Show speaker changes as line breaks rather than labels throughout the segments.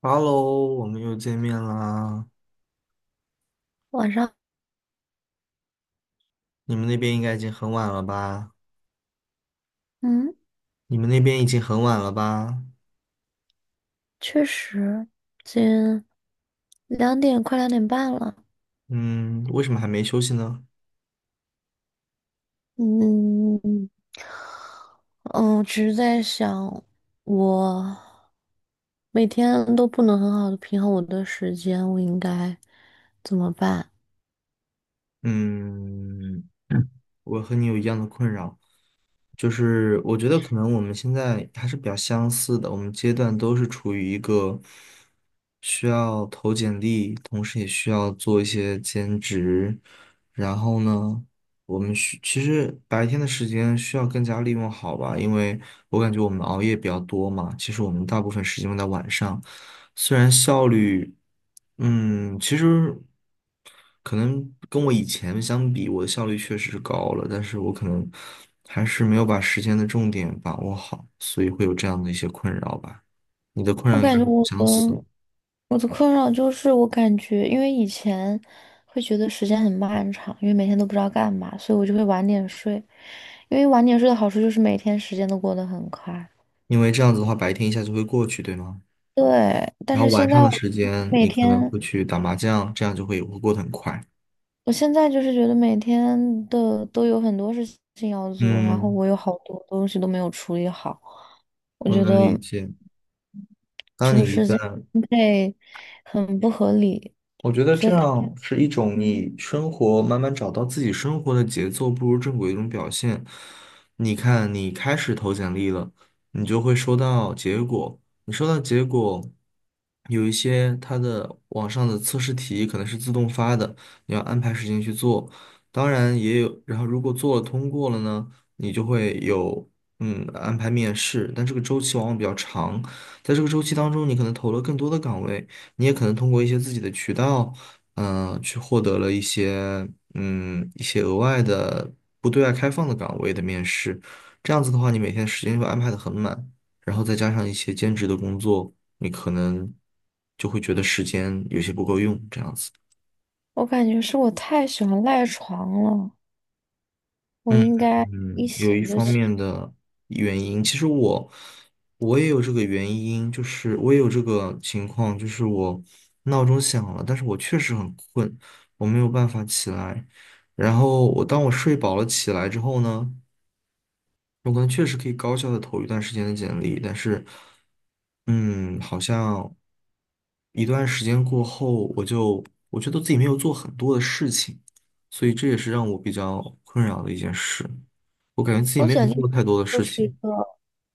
哈喽，我们又见面啦。
晚上。
你们那边应该已经很晚了吧？
嗯。
你们那边已经很晚了吧？
确实，近两点，快2点半了。
嗯，为什么还没休息呢？
嗯嗯，只是在想，我每天都不能很好的平衡我的时间，我应该怎么办？
嗯，我和你有一样的困扰。就是我觉得可能我们现在还是比较相似的，我们阶段都是处于一个需要投简历，同时也需要做一些兼职。然后呢，我们需其实白天的时间需要更加利用好吧，因为我感觉我们熬夜比较多嘛，其实我们大部分时间用在晚上，虽然效率，嗯，其实可能跟我以前相比，我的效率确实是高了，但是我可能还是没有把时间的重点把握好，所以会有这样的一些困扰吧。你的困扰
我
应该
感觉
很
我
相似，
的我的困扰就是，我感觉因为以前会觉得时间很漫长，因为每天都不知道干嘛，所以我就会晚点睡。因为晚点睡的好处就是每天时间都过得很快。
因为这样子的话，白天一下就会过去，对吗？
对。但
然后
是
晚
现
上
在
的
我
时间，
每
你可能
天，
会去打麻将，这样就会过得很快。
我现在就是觉得每天的都有很多事情要做，然后
嗯，
我有好多东西都没有处理好，我
我
觉
能理
得
解。当
就是
你一
时间
旦
分配很不合理。
我觉得
觉
这
得太，
样是一种你生活慢慢找到自己生活的节奏步入正轨的一种表现。你看，你开始投简历了，你就会收到结果。你收到结果，有一些它的网上的测试题可能是自动发的，你要安排时间去做。当然也有，然后如果做了通过了呢，你就会有安排面试，但这个周期往往比较长，在这个周期当中，你可能投了更多的岗位。你也可能通过一些自己的渠道，去获得了一些一些额外的不对外开放的岗位的面试。这样子的话，你每天时间就安排的很满，然后再加上一些兼职的工作，你可能就会觉得时间有些不够用，这样子。
我感觉是我太喜欢赖床了，我
嗯
应该一
嗯，有
醒
一
就
方
起。
面的原因，其实我也有这个原因，就是我也有这个情况，就是我闹钟响了，但是我确实很困，我没有办法起来。然后我当我睡饱了起来之后呢，我可能确实可以高效的投一段时间的简历，但是，嗯，好像一段时间过后，我觉得自己没有做很多的事情，所以这也是让我比较困扰的一件事。我感觉自己
投
没
简
有做
历
太多的
就
事
是一
情，
个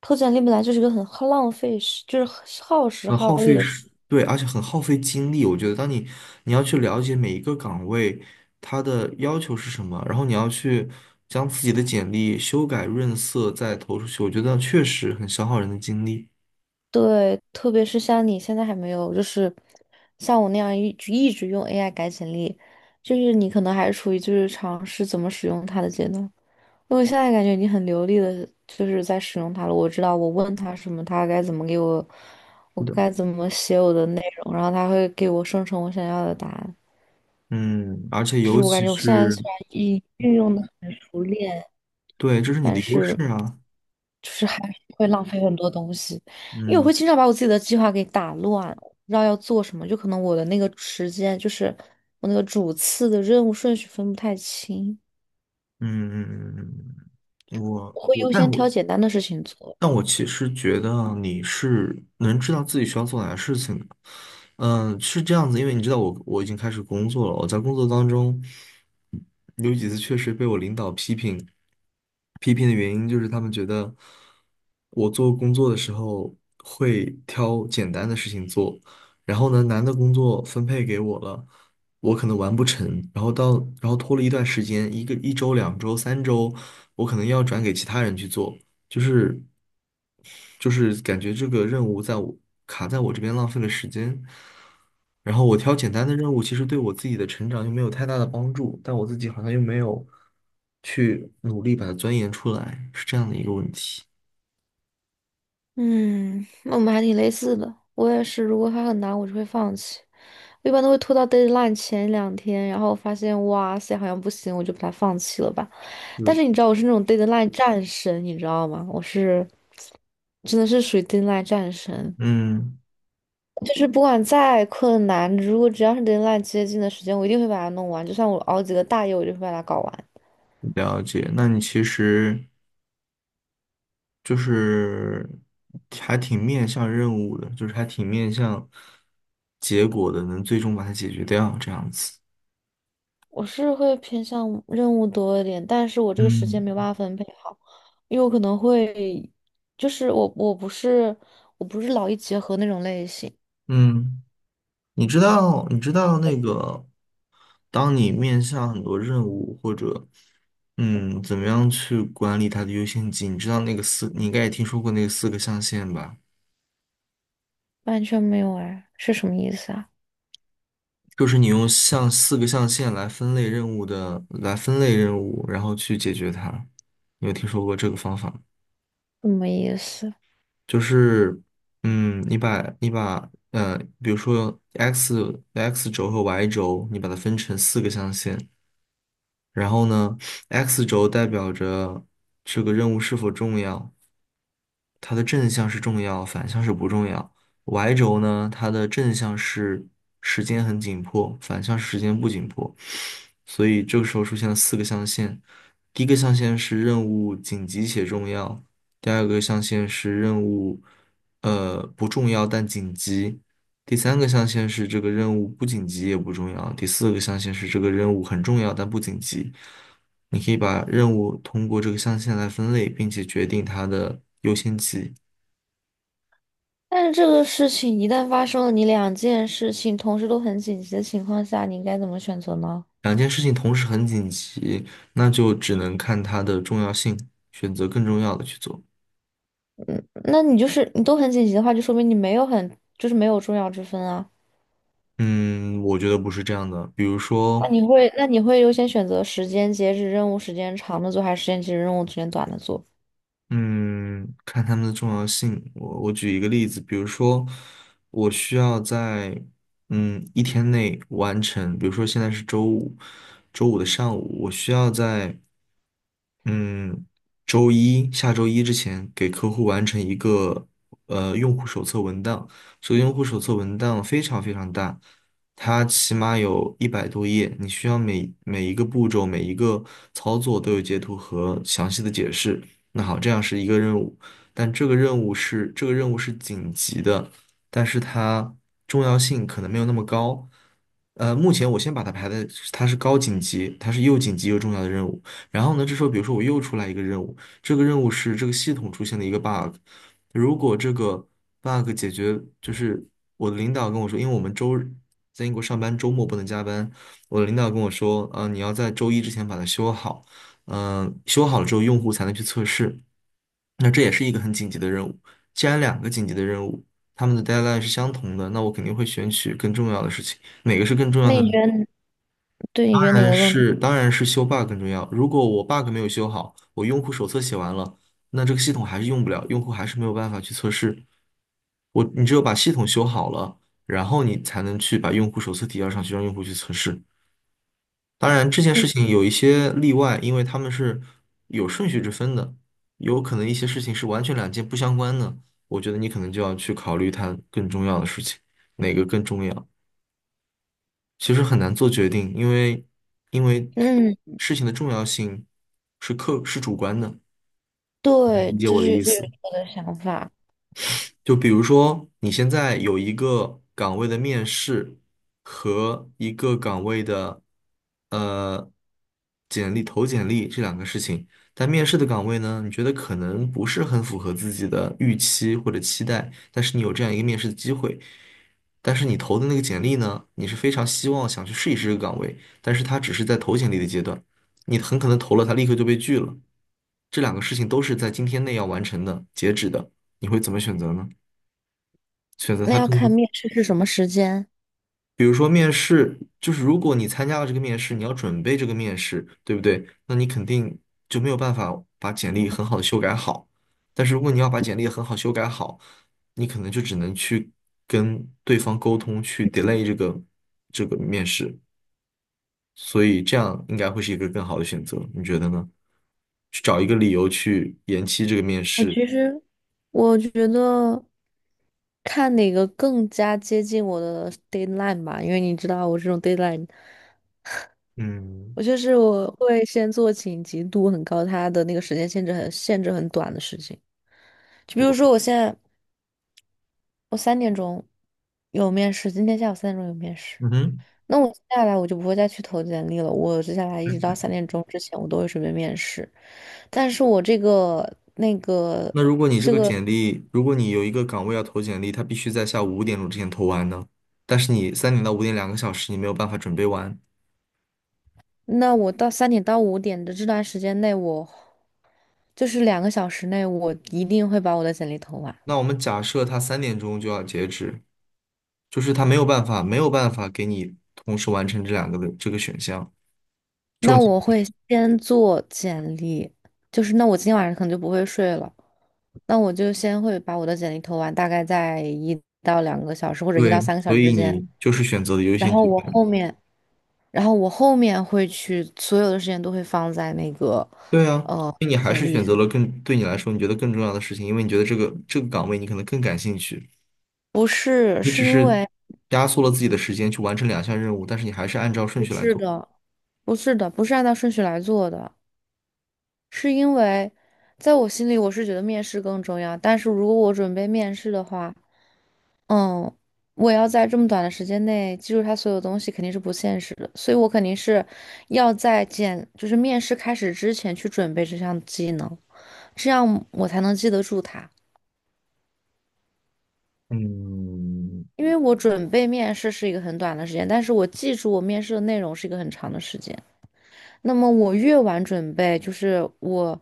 投简历本来就是一个很耗浪费时，就是很耗时
很
耗
耗
力
费
的事。
时，对，而且很耗费精力。我觉得，你要去了解每一个岗位它的要求是什么，然后你要去将自己的简历修改润色再投出去，我觉得确实很消耗人的精力。
对，特别是像你现在还没有，就是像我那样一直用 AI 改简历，就是你可能还处于就是尝试怎么使用它的阶段。因为我现在感觉你很流利的就是在使用它了，我知道我问它什么，它该怎么给我，我该怎么写我的内容，然后它会给我生成我想要的答案。
嗯，而且
就
尤
是我感
其
觉我现在
是，
虽然已运用的很熟练。
对，这是你
但
的优势
是
啊。
就是还是会浪费很多东西，因为我
嗯
会经常把我自己的计划给打乱，不知道要做什么，就可能我的那个时间就是我那个主次的任务顺序分不太清，
嗯嗯嗯嗯嗯我
我会
我
优先
但我
挑简单的事情做。
但我其实觉得啊你是能知道自己需要做哪些事情的，嗯，是这样子，因为你知道我已经开始工作了，我在工作当中有几次确实被我领导批评，批评的原因就是他们觉得我做工作的时候会挑简单的事情做，然后呢，难的工作分配给我了，我可能完不成，然后到然后拖了一段时间，一个一周、两周、三周，我可能要转给其他人去做。就是就是感觉这个任务卡在我这边浪费了时间。然后我挑简单的任务，其实对我自己的成长又没有太大的帮助，但我自己好像又没有去努力把它钻研出来，是这样的一个问题。
嗯，那我们还挺类似的。我也是，如果它很难，我就会放弃。我一般都会拖到 deadline 前2天，然后发现哇塞，好像不行，我就把它放弃了吧。但
嗯，
是你知道我是那种 deadline 战神，你知道吗？我是真的是属于 deadline 战神，
嗯，
就是不管再困难，如果只要是 deadline 接近的时间，我一定会把它弄完。就算我熬几个大夜，我就会把它搞完。
了解。那你其实就是还挺面向任务的，就是还挺面向结果的，能最终把它解决掉，这样子。
我是会偏向任务多一点，但是我这个时间
嗯
没有办法分配好，因为我可能会，就是我不是我不是劳逸结合那种类型。
嗯。你知道那个，当你面向很多任务或者，嗯，怎么样去管理它的优先级？你知道那个四，你应该也听说过那个四个象限吧？
完全没有哎，是什么意思啊？
就是你用像四个象限来分类任务的，来分类任务，然后去解决它。你有听说过这个方法吗？
什么意思？
就是，嗯，你把你把呃，比如说 x 轴和 y 轴，你把它分成四个象限，然后呢，X 轴代表着这个任务是否重要，它的正向是重要，反向是不重要。Y 轴呢，它的正向是时间很紧迫，反向是时间不紧迫。所以这个时候出现了四个象限，第一个象限是任务紧急且重要，第二个象限是任务不重要但紧急，第三个象限是这个任务不紧急也不重要，第四个象限是这个任务很重要但不紧急。你可以把任务通过这个象限来分类，并且决定它的优先级。
但是这个事情一旦发生了，你两件事情同时都很紧急的情况下，你应该怎么选择呢？
两件事情同时很紧急，那就只能看它的重要性，选择更重要的去做。
嗯，那你就是你都很紧急的话，就说明你没有很就是没有重要之分啊。
嗯，我觉得不是这样的。比如
那
说，
你会那你会优先选择时间截止任务时间长的做，还是时间截止任务时间短的做？
嗯，看他们的重要性。我举一个例子，比如说，我需要在一天内完成，比如说现在是周五，周五的上午，我需要在嗯周一之前给客户完成一个用户手册文档。这个用户手册文档非常非常大，它起码有100多页，你需要每一个步骤、每一个操作都有截图和详细的解释。那好，这样是一个任务，但这个任务是紧急的，但是它重要性可能没有那么高。呃，目前我先把它排在它是高紧急，它是又紧急又重要的任务。然后呢，这时候比如说我又出来一个任务，这个任务是这个系统出现了一个 bug,如果这个 bug 解决，就是我的领导跟我说，因为我们周日在英国上班，周末不能加班，我的领导跟我说，呃，你要在周一之前把它修好。嗯，修好了之后用户才能去测试。那这也是一个很紧急的任务。既然两个紧急的任务，他们的 deadline 是相同的，那我肯定会选取更重要的事情。哪个是更重要
那
的
你觉
呢？
得对你觉得
当
哪
然
个更
是，
重
当然是修 bug 更重要。如果我 bug 没有修好，我用户手册写完了，那这个系统还是用不了，用户还是没有办法去测试。你只有把系统修好了，然后你才能去把用户手册提交上去，让用户去测试。当然，这件
要
事
你。
情有一些例外，因为他们是有顺序之分的，有可能一些事情是完全两件不相关的。我觉得你可能就要去考虑它更重要的事情，哪个更重要。其实很难做决定，因为
嗯，
事情的重要性是主观的，
对，
理解
就
我的
是
意
这
思。
是我的想法。
就比如说，你现在有一个岗位的面试和一个岗位的呃简历这两个事情，但面试的岗位呢，你觉得可能不是很符合自己的预期或者期待，但是你有这样一个面试的机会，但是你投的那个简历呢，你是非常希望想去试一试这个岗位，但是它只是在投简历的阶段，你很可能投了，它立刻就被拒了。这两个事情都是在今天内要完成的，截止的，你会怎么选择呢？选择
那
它
要
更多，
看面试是什么时间。
比如说面试，就是如果你参加了这个面试，你要准备这个面试，对不对？那你肯定就没有办法把简历很好的修改好。但是如果你要把简历很好修改好，你可能就只能去跟对方沟通，去 delay 这个面试。所以这样应该会是一个更好的选择，你觉得呢？去找一个理由去延期这个面
我
试。
其实我觉得看哪个更加接近我的 deadline 吧，因为你知道我这种 deadline,
嗯，
我就是我会先做紧急度很高，它的那个时间限制很短的事情。就比如
我，
说我现在我三点钟有面试，今天下午三点钟有面试，
嗯哼。
那我接下来我就不会再去投简历了，我接下来一直到三点钟之前我都会准备面试。但是我这个那个，
那如果你这个简历，如果你有一个岗位要投简历，他必须在下午5点钟之前投完呢。但是你3点到5点2个小时，你没有办法准备完。
那我到3点到5点的这段时间内，我就是两个小时内，我一定会把我的简历投完。
那我们假设他3点钟就要截止，就是他没有办法，没有办法给你同时完成这两个的这个选项。这种
那
情
我会先做简历，就是那我今天晚上可能就不会睡了，那我就先会把我的简历投完，大概在1到2个小时或者一到
对，
三个小
所
时
以
之间。
你就是选择了优
然
先
后
级
我
更。
后面，然后我后面会去，所有的时间都会放在那个
对啊，
呃
因为你还
简
是
历
选择了
上。
更对你来说你觉得更重要的事情，因为你觉得这个岗位你可能更感兴趣，
不是，
你只
是因
是
为
压缩了自己的时间去完成两项任务，但是你还是按照顺
不
序来
是
做。
的，不是的，不是按照顺序来做的。是因为在我心里，我是觉得面试更重要。但是如果我准备面试的话，嗯，我要在这么短的时间内记住他所有东西，肯定是不现实的。所以我肯定是要在简，就是面试开始之前去准备这项技能，这样我才能记得住它。
嗯
因为我准备面试是一个很短的时间，但是我记住我面试的内容是一个很长的时间。那么我越晚准备，就是我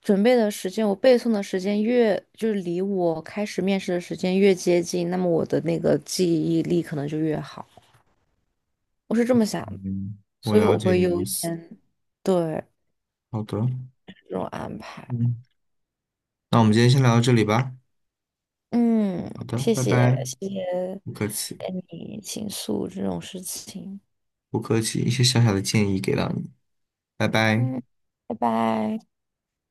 准备的时间，我背诵的时间越，就是离我开始面试的时间越接近，那么我的那个记忆力可能就越好。我是这么想的。
嗯，我
所以
了
我
解
会
你的意
优
思。
先。对，
好的，
这种安排。
嗯，那我们今天先聊到这里吧。
嗯，
好的，
谢
拜
谢，
拜。
谢谢
不客气，
跟你倾诉这种事情。
不客气，一些小小的建议给到你，拜拜。
嗯，拜拜。